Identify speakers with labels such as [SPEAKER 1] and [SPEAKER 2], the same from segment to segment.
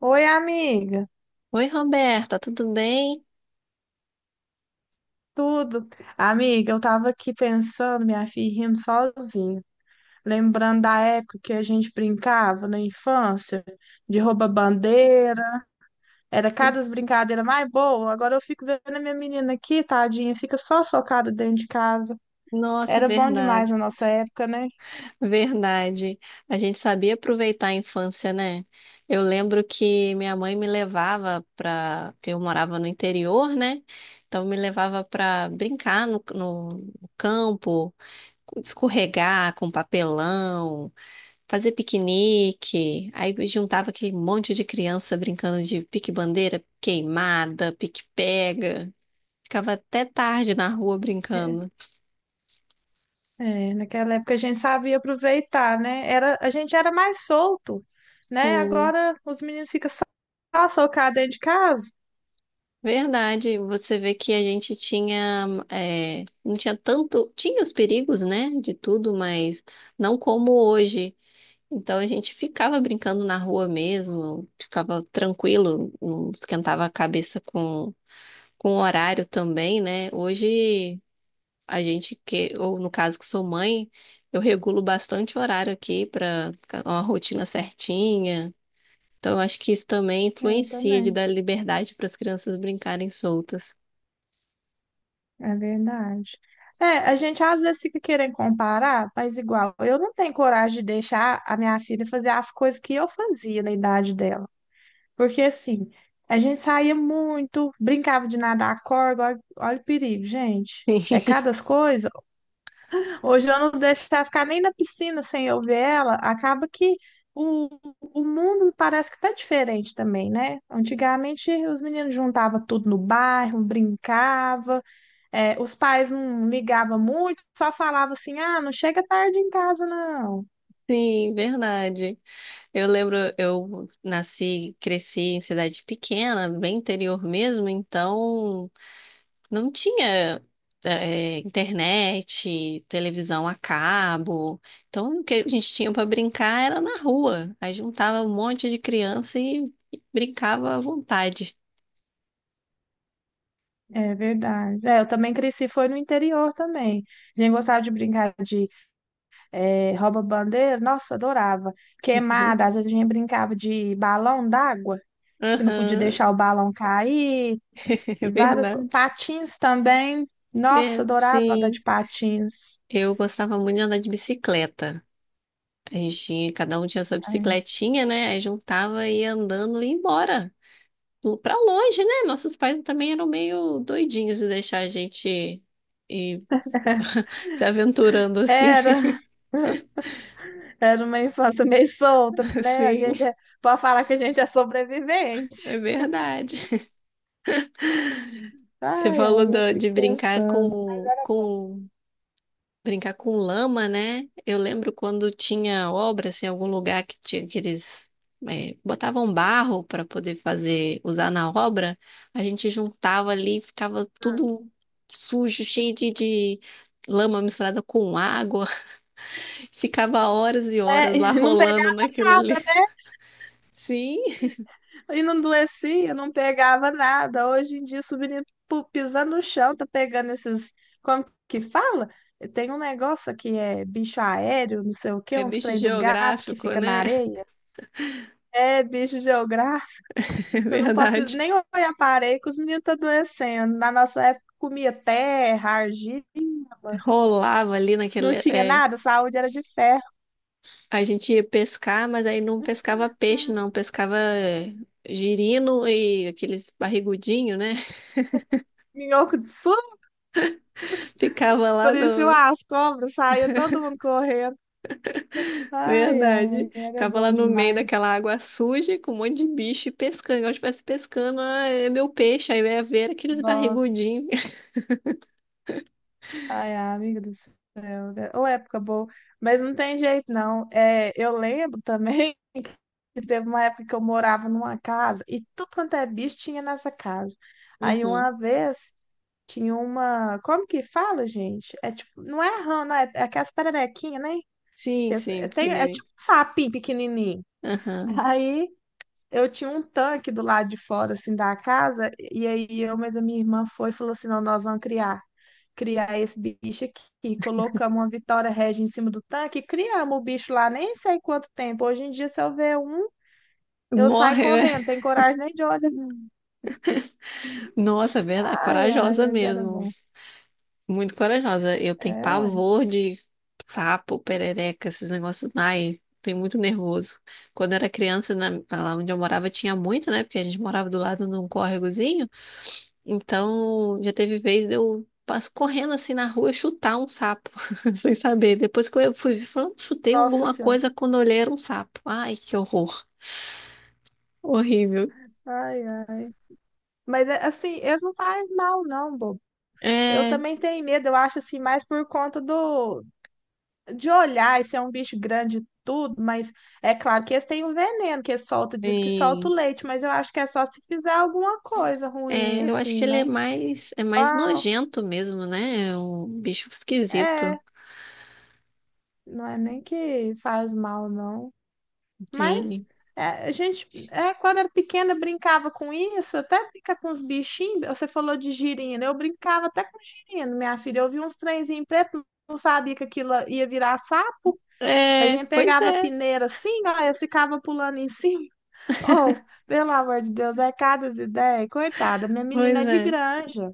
[SPEAKER 1] Oi, amiga.
[SPEAKER 2] Oi, Roberta, tudo bem?
[SPEAKER 1] Tudo? Amiga, eu tava aqui pensando, minha filha, rindo sozinha. Lembrando da época que a gente brincava na infância, de rouba-bandeira. Era cada brincadeira mais boa. Agora eu fico vendo a minha menina aqui, tadinha, fica só socada dentro de casa.
[SPEAKER 2] Nossa,
[SPEAKER 1] Era bom demais
[SPEAKER 2] verdade,
[SPEAKER 1] na nossa época, né?
[SPEAKER 2] verdade. A gente sabia aproveitar a infância, né? Eu lembro que minha mãe me levava para, porque eu morava no interior, né? Então me levava para brincar no campo, escorregar com papelão, fazer piquenique. Aí juntava aquele monte de criança brincando de pique-bandeira, queimada, pique-pega. Ficava até tarde na rua
[SPEAKER 1] É,
[SPEAKER 2] brincando.
[SPEAKER 1] é, naquela época a gente sabia aproveitar, né? Era, a gente era mais solto, né?
[SPEAKER 2] Sim.
[SPEAKER 1] Agora os meninos ficam só socados dentro de casa.
[SPEAKER 2] Verdade, você vê que a gente tinha, é, não tinha tanto, tinha os perigos, né, de tudo, mas não como hoje. Então a gente ficava brincando na rua mesmo, ficava tranquilo, não esquentava a cabeça com o horário também, né? Hoje a gente que, ou no caso que sou mãe, eu regulo bastante o horário aqui para uma rotina certinha. Então eu acho que isso também
[SPEAKER 1] É, eu
[SPEAKER 2] influencia de
[SPEAKER 1] também.
[SPEAKER 2] dar liberdade para as crianças brincarem soltas.
[SPEAKER 1] É verdade. É, a gente às vezes fica querendo comparar, mas igual, eu não tenho coragem de deixar a minha filha fazer as coisas que eu fazia na idade dela. Porque assim, a gente saía muito, brincava de nadar a corda, olha, olha o perigo, gente.
[SPEAKER 2] Sim,
[SPEAKER 1] É cada coisa. Hoje eu não deixo ela ficar nem na piscina sem eu ver ela. Acaba que o, o mundo parece que está diferente também, né? Antigamente os meninos juntavam tudo no bairro, brincavam. É, os pais não ligavam muito, só falavam assim, ah, não chega tarde em casa, não.
[SPEAKER 2] sim, verdade. Eu lembro, eu nasci, cresci em cidade pequena, bem interior mesmo, então não tinha internet, televisão a cabo. Então o que a gente tinha para brincar era na rua. Aí juntava um monte de criança e brincava à vontade.
[SPEAKER 1] É verdade. É, eu também cresci, foi no interior também. A gente gostava de brincar de é, rouba-bandeira, nossa, adorava. Queimada, às vezes a gente brincava de balão d'água, que não podia
[SPEAKER 2] Aham,
[SPEAKER 1] deixar o balão cair,
[SPEAKER 2] é
[SPEAKER 1] e várias coisas.
[SPEAKER 2] verdade.
[SPEAKER 1] Patins também, nossa,
[SPEAKER 2] É,
[SPEAKER 1] adorava andar de
[SPEAKER 2] sim,
[SPEAKER 1] patins.
[SPEAKER 2] eu gostava muito de andar de bicicleta. A gente tinha, cada um tinha sua
[SPEAKER 1] É,
[SPEAKER 2] bicicletinha, né? Aí juntava e ia andando e ia embora. Pra longe, né? Nossos pais também eram meio doidinhos de deixar a gente ir se aventurando assim.
[SPEAKER 1] Era, era uma infância meio solta, né? A
[SPEAKER 2] Sim,
[SPEAKER 1] gente é- pode falar que a gente é
[SPEAKER 2] é
[SPEAKER 1] sobrevivente.
[SPEAKER 2] verdade. Você
[SPEAKER 1] Ai,
[SPEAKER 2] falou
[SPEAKER 1] ai, eu fico
[SPEAKER 2] de brincar
[SPEAKER 1] pensando.
[SPEAKER 2] com brincar com lama, né? Eu lembro quando tinha obra, assim, em algum lugar que tinha aqueles. Botavam barro para poder fazer, usar na obra, a gente juntava ali, ficava tudo sujo, cheio de lama misturada com água, ficava horas e
[SPEAKER 1] É,
[SPEAKER 2] horas
[SPEAKER 1] e
[SPEAKER 2] lá
[SPEAKER 1] não pegava
[SPEAKER 2] rolando naquilo
[SPEAKER 1] nada,
[SPEAKER 2] ali.
[SPEAKER 1] né?
[SPEAKER 2] Sim,
[SPEAKER 1] E não doecia, não pegava nada. Hoje em dia, subindo, pisando no chão, tá pegando esses. Como que fala? Tem um negócio que é bicho aéreo, não sei o quê,
[SPEAKER 2] é
[SPEAKER 1] uns
[SPEAKER 2] bicho
[SPEAKER 1] trem do gato que
[SPEAKER 2] geográfico,
[SPEAKER 1] fica na
[SPEAKER 2] né?
[SPEAKER 1] areia. É, bicho geográfico.
[SPEAKER 2] É
[SPEAKER 1] Você não pode pis-
[SPEAKER 2] verdade.
[SPEAKER 1] nem olhar para a areia que os meninos tá adoecendo. Na nossa época, comia terra, argila,
[SPEAKER 2] Rolava ali
[SPEAKER 1] não
[SPEAKER 2] naquele.
[SPEAKER 1] tinha
[SPEAKER 2] É.
[SPEAKER 1] nada, saúde era de ferro.
[SPEAKER 2] A gente ia pescar, mas aí não pescava peixe,
[SPEAKER 1] Ah,
[SPEAKER 2] não. Pescava girino e aqueles barrigudinhos, né?
[SPEAKER 1] Minhoco de
[SPEAKER 2] Ficava lá
[SPEAKER 1] Por isso
[SPEAKER 2] no.
[SPEAKER 1] as cobras saíam todo mundo correndo. Ai,
[SPEAKER 2] Verdade.
[SPEAKER 1] ai, era
[SPEAKER 2] Ficava
[SPEAKER 1] bom
[SPEAKER 2] lá no meio
[SPEAKER 1] demais.
[SPEAKER 2] daquela água suja com um monte de bicho e pescando. Igual se estivesse pescando, ah, é meu peixe. Aí eu ia ver aqueles
[SPEAKER 1] Nossa,
[SPEAKER 2] barrigudinhos.
[SPEAKER 1] ai, ai, amiga do céu. Né? Ô, época boa. Mas não tem jeito, não. É, eu lembro também que teve uma época que eu morava numa casa e tudo quanto é bicho tinha nessa casa. Aí
[SPEAKER 2] Uhum.
[SPEAKER 1] uma vez tinha uma. Como que fala, gente? É tipo, não é rã, não é, é aquelas pererequinhas, né? Que
[SPEAKER 2] Sim,
[SPEAKER 1] as- é,
[SPEAKER 2] sim,
[SPEAKER 1] tem- é
[SPEAKER 2] pequenininho.
[SPEAKER 1] tipo um sapinho pequenininho.
[SPEAKER 2] Aham.
[SPEAKER 1] Aí. Eu tinha um tanque do lado de fora, assim, da casa, e aí eu, mas a minha irmã foi e falou assim, não, nós vamos criar esse bicho aqui. E colocamos uma Vitória Regia em cima do tanque, e criamos o bicho lá, nem sei quanto tempo. Hoje em dia, se eu ver um, eu saio
[SPEAKER 2] Morre,
[SPEAKER 1] correndo,
[SPEAKER 2] né?
[SPEAKER 1] tem coragem nem de olhar.
[SPEAKER 2] Nossa, é verdade.
[SPEAKER 1] Ai, ai,
[SPEAKER 2] Corajosa
[SPEAKER 1] mas era
[SPEAKER 2] mesmo.
[SPEAKER 1] bom.
[SPEAKER 2] Muito corajosa. Eu tenho
[SPEAKER 1] É, ué.
[SPEAKER 2] pavor de sapo, perereca, esses negócios. Ai, tenho muito nervoso. Quando eu era criança, lá onde eu morava, tinha muito, né? Porque a gente morava do lado de um córregozinho. Então, já teve vez de eu correndo assim na rua e chutar um sapo, sem saber. Depois que eu fui ver, falando, chutei
[SPEAKER 1] Nossa
[SPEAKER 2] alguma
[SPEAKER 1] Senhora.
[SPEAKER 2] coisa quando eu olhei era um sapo. Ai, que horror. Horrível.
[SPEAKER 1] Ai, ai. Mas, é, assim, eles não fazem mal, não, bobo. Eu
[SPEAKER 2] É,
[SPEAKER 1] também tenho medo, eu acho, assim, mais por conta do de olhar, esse é um bicho grande e tudo, mas é claro que eles têm um veneno que eles soltam, diz que solta o
[SPEAKER 2] sim.
[SPEAKER 1] leite, mas eu acho que é só se fizer alguma coisa ruim,
[SPEAKER 2] É, eu acho
[SPEAKER 1] assim,
[SPEAKER 2] que ele
[SPEAKER 1] né?
[SPEAKER 2] é mais
[SPEAKER 1] Ah,
[SPEAKER 2] nojento mesmo, né? É um bicho esquisito.
[SPEAKER 1] é, não é nem que faz mal, não. Mas
[SPEAKER 2] Sim.
[SPEAKER 1] é, a gente, é, quando era pequena, brincava com isso, até brincar com os bichinhos. Você falou de girino, eu brincava até com girino, minha filha. Eu vi uns trenzinhos pretos, não sabia que aquilo ia virar sapo. A
[SPEAKER 2] É,
[SPEAKER 1] gente
[SPEAKER 2] pois
[SPEAKER 1] pegava a
[SPEAKER 2] é,
[SPEAKER 1] peneira assim, ó, e ficava pulando em cima. Oh, pelo amor de Deus, é cada ideia. Coitada, minha menina é
[SPEAKER 2] pois
[SPEAKER 1] de
[SPEAKER 2] é.
[SPEAKER 1] granja.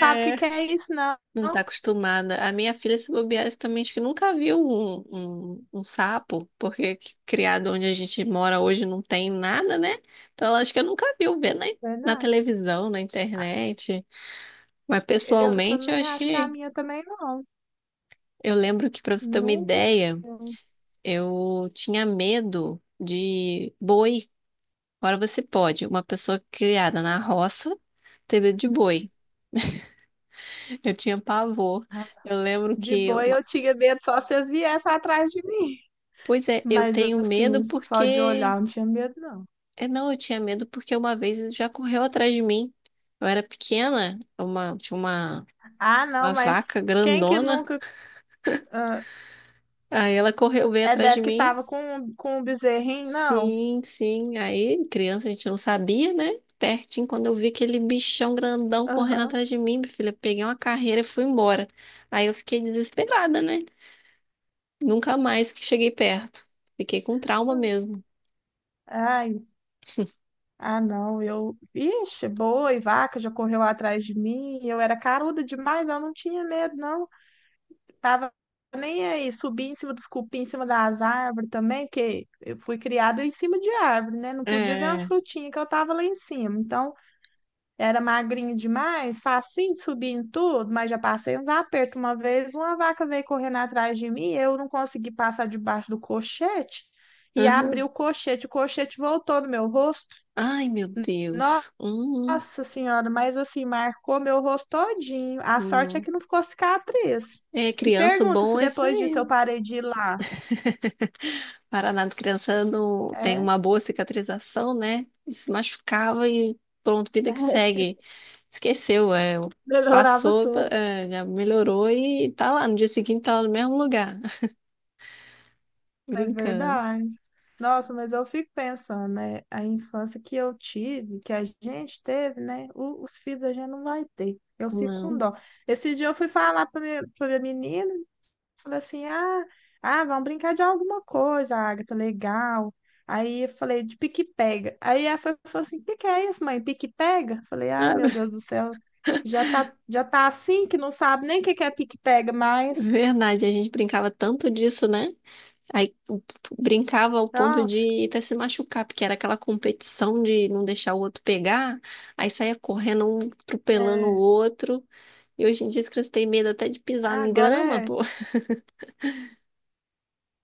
[SPEAKER 1] Sabe o que que é isso, não?
[SPEAKER 2] não tá acostumada. A minha filha, se bobear, também acho que nunca viu um sapo, porque criado onde a gente mora hoje não tem nada, né? Então ela acho que nunca viu ver né? Na
[SPEAKER 1] Verdade.
[SPEAKER 2] televisão, na
[SPEAKER 1] Ah,
[SPEAKER 2] internet. Mas
[SPEAKER 1] eu
[SPEAKER 2] pessoalmente, eu
[SPEAKER 1] também
[SPEAKER 2] acho
[SPEAKER 1] acho que a
[SPEAKER 2] que.
[SPEAKER 1] minha também não.
[SPEAKER 2] Eu lembro que, pra você ter uma
[SPEAKER 1] Nunca.
[SPEAKER 2] ideia, eu tinha medo de boi. Agora você pode, uma pessoa criada na roça, ter medo de boi. Eu tinha pavor. Eu lembro
[SPEAKER 1] De
[SPEAKER 2] que.
[SPEAKER 1] boi eu tinha medo só se eles viessem atrás de mim.
[SPEAKER 2] Pois é, eu
[SPEAKER 1] Mas
[SPEAKER 2] tenho
[SPEAKER 1] assim,
[SPEAKER 2] medo
[SPEAKER 1] só de
[SPEAKER 2] porque.
[SPEAKER 1] olhar eu não tinha medo, não.
[SPEAKER 2] É, não, eu tinha medo porque uma vez ele já correu atrás de mim. Eu era pequena, uma... tinha
[SPEAKER 1] Ah, não,
[SPEAKER 2] uma
[SPEAKER 1] mas
[SPEAKER 2] vaca
[SPEAKER 1] quem que
[SPEAKER 2] grandona.
[SPEAKER 1] nunca. Ah,
[SPEAKER 2] Aí ela correu, veio
[SPEAKER 1] é
[SPEAKER 2] atrás de
[SPEAKER 1] deve que
[SPEAKER 2] mim.
[SPEAKER 1] tava com um bezerrinho, não?
[SPEAKER 2] Sim, sim. Aí, criança, a gente não sabia, né? Pertinho, quando eu vi aquele bichão grandão correndo
[SPEAKER 1] Aham.
[SPEAKER 2] atrás de mim, minha filha, peguei uma carreira e fui embora. Aí eu fiquei desesperada, né? Nunca mais que cheguei perto. Fiquei com trauma mesmo.
[SPEAKER 1] Ai, ah, não, eu. Ixi, boi, vaca já correu atrás de mim. Eu era caruda demais, eu não tinha medo, não. Tava nem aí. Subi em cima dos cupim, em cima das árvores também, porque eu fui criada em cima de árvore, né? Não podia ver uma
[SPEAKER 2] É.
[SPEAKER 1] frutinha que eu tava lá em cima. Então, era magrinha demais, facinho de subir em tudo, mas já passei uns apertos. Uma vez, uma vaca veio correndo atrás de mim, eu não consegui passar debaixo do cochete e abri
[SPEAKER 2] Aham.
[SPEAKER 1] o cochete. O cochete voltou no meu rosto.
[SPEAKER 2] Ai, meu Deus.
[SPEAKER 1] Nossa senhora, mas assim, marcou meu rosto todinho. A sorte é
[SPEAKER 2] Não.
[SPEAKER 1] que não ficou cicatriz.
[SPEAKER 2] É,
[SPEAKER 1] E
[SPEAKER 2] criança
[SPEAKER 1] pergunta se
[SPEAKER 2] bom é isso
[SPEAKER 1] depois disso eu
[SPEAKER 2] aí.
[SPEAKER 1] parei de ir lá.
[SPEAKER 2] Paraná de criança não tem
[SPEAKER 1] É,
[SPEAKER 2] uma boa cicatrização, né? Se machucava e pronto, vida que segue. Esqueceu, é,
[SPEAKER 1] melhorava
[SPEAKER 2] passou,
[SPEAKER 1] tudo.
[SPEAKER 2] é, já melhorou e tá lá. No dia seguinte tá lá no mesmo lugar,
[SPEAKER 1] É
[SPEAKER 2] brincando.
[SPEAKER 1] verdade. Nossa, mas eu fico pensando, né? A infância que eu tive, que a gente teve, né? O- os filhos a gente não vai ter. Eu fico com
[SPEAKER 2] Não.
[SPEAKER 1] dó. Esse dia eu fui falar para pra minha menina. Falei assim, ah, vamos brincar de alguma coisa, Agatha, legal. Aí eu falei, de pique-pega. Aí ela foi- falou assim, o que que é isso, mãe? Pique-pega? Falei, ai,
[SPEAKER 2] Ah,
[SPEAKER 1] meu Deus do céu, já tá assim que não sabe nem o que que é pique-pega mais.
[SPEAKER 2] verdade, a gente brincava tanto disso, né? Aí o- Brincava ao ponto
[SPEAKER 1] Não,
[SPEAKER 2] de até se machucar, porque era aquela competição de não deixar o outro pegar, aí saía correndo, um atropelando o
[SPEAKER 1] é,
[SPEAKER 2] outro. E hoje em dia as crianças têm medo até de pisar na
[SPEAKER 1] agora
[SPEAKER 2] grama,
[SPEAKER 1] é,
[SPEAKER 2] pô.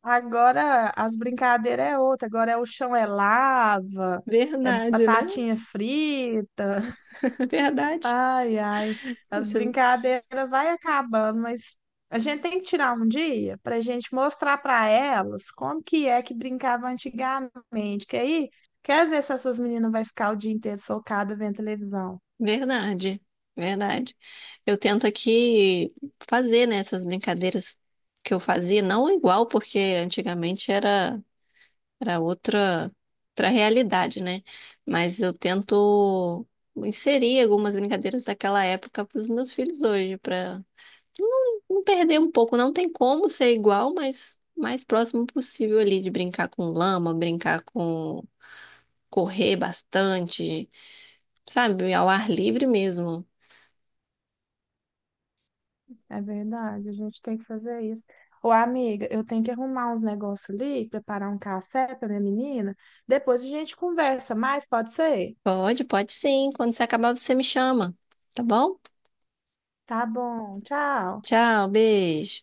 [SPEAKER 1] agora as brincadeiras é outra, agora é o chão é lava, é
[SPEAKER 2] Verdade, né?
[SPEAKER 1] batatinha frita.
[SPEAKER 2] Verdade.
[SPEAKER 1] Ai, ai, as
[SPEAKER 2] Isso é
[SPEAKER 1] brincadeiras vai acabando, mas a gente tem que tirar um dia para a gente mostrar para elas como que é que brincava antigamente, que aí quer ver se essas meninas vai ficar o dia inteiro socada vendo televisão.
[SPEAKER 2] verdade. Verdade. Eu tento aqui fazer, né, essas brincadeiras que eu fazia, não igual, porque antigamente era. era outra, Outra realidade, né? Mas eu tento inserir algumas brincadeiras daquela época para os meus filhos hoje, para não perder um pouco. Não tem como ser igual, mas mais próximo possível ali de brincar com lama, brincar com correr bastante, sabe? Ao ar livre mesmo.
[SPEAKER 1] É verdade, a gente tem que fazer isso. Ô, amiga, eu tenho que arrumar uns negócios ali, preparar um café para minha menina. Depois a gente conversa mais, pode ser?
[SPEAKER 2] Pode, pode sim. Quando você acabar, você me chama, tá bom?
[SPEAKER 1] Tá bom, tchau.
[SPEAKER 2] Tchau, beijo.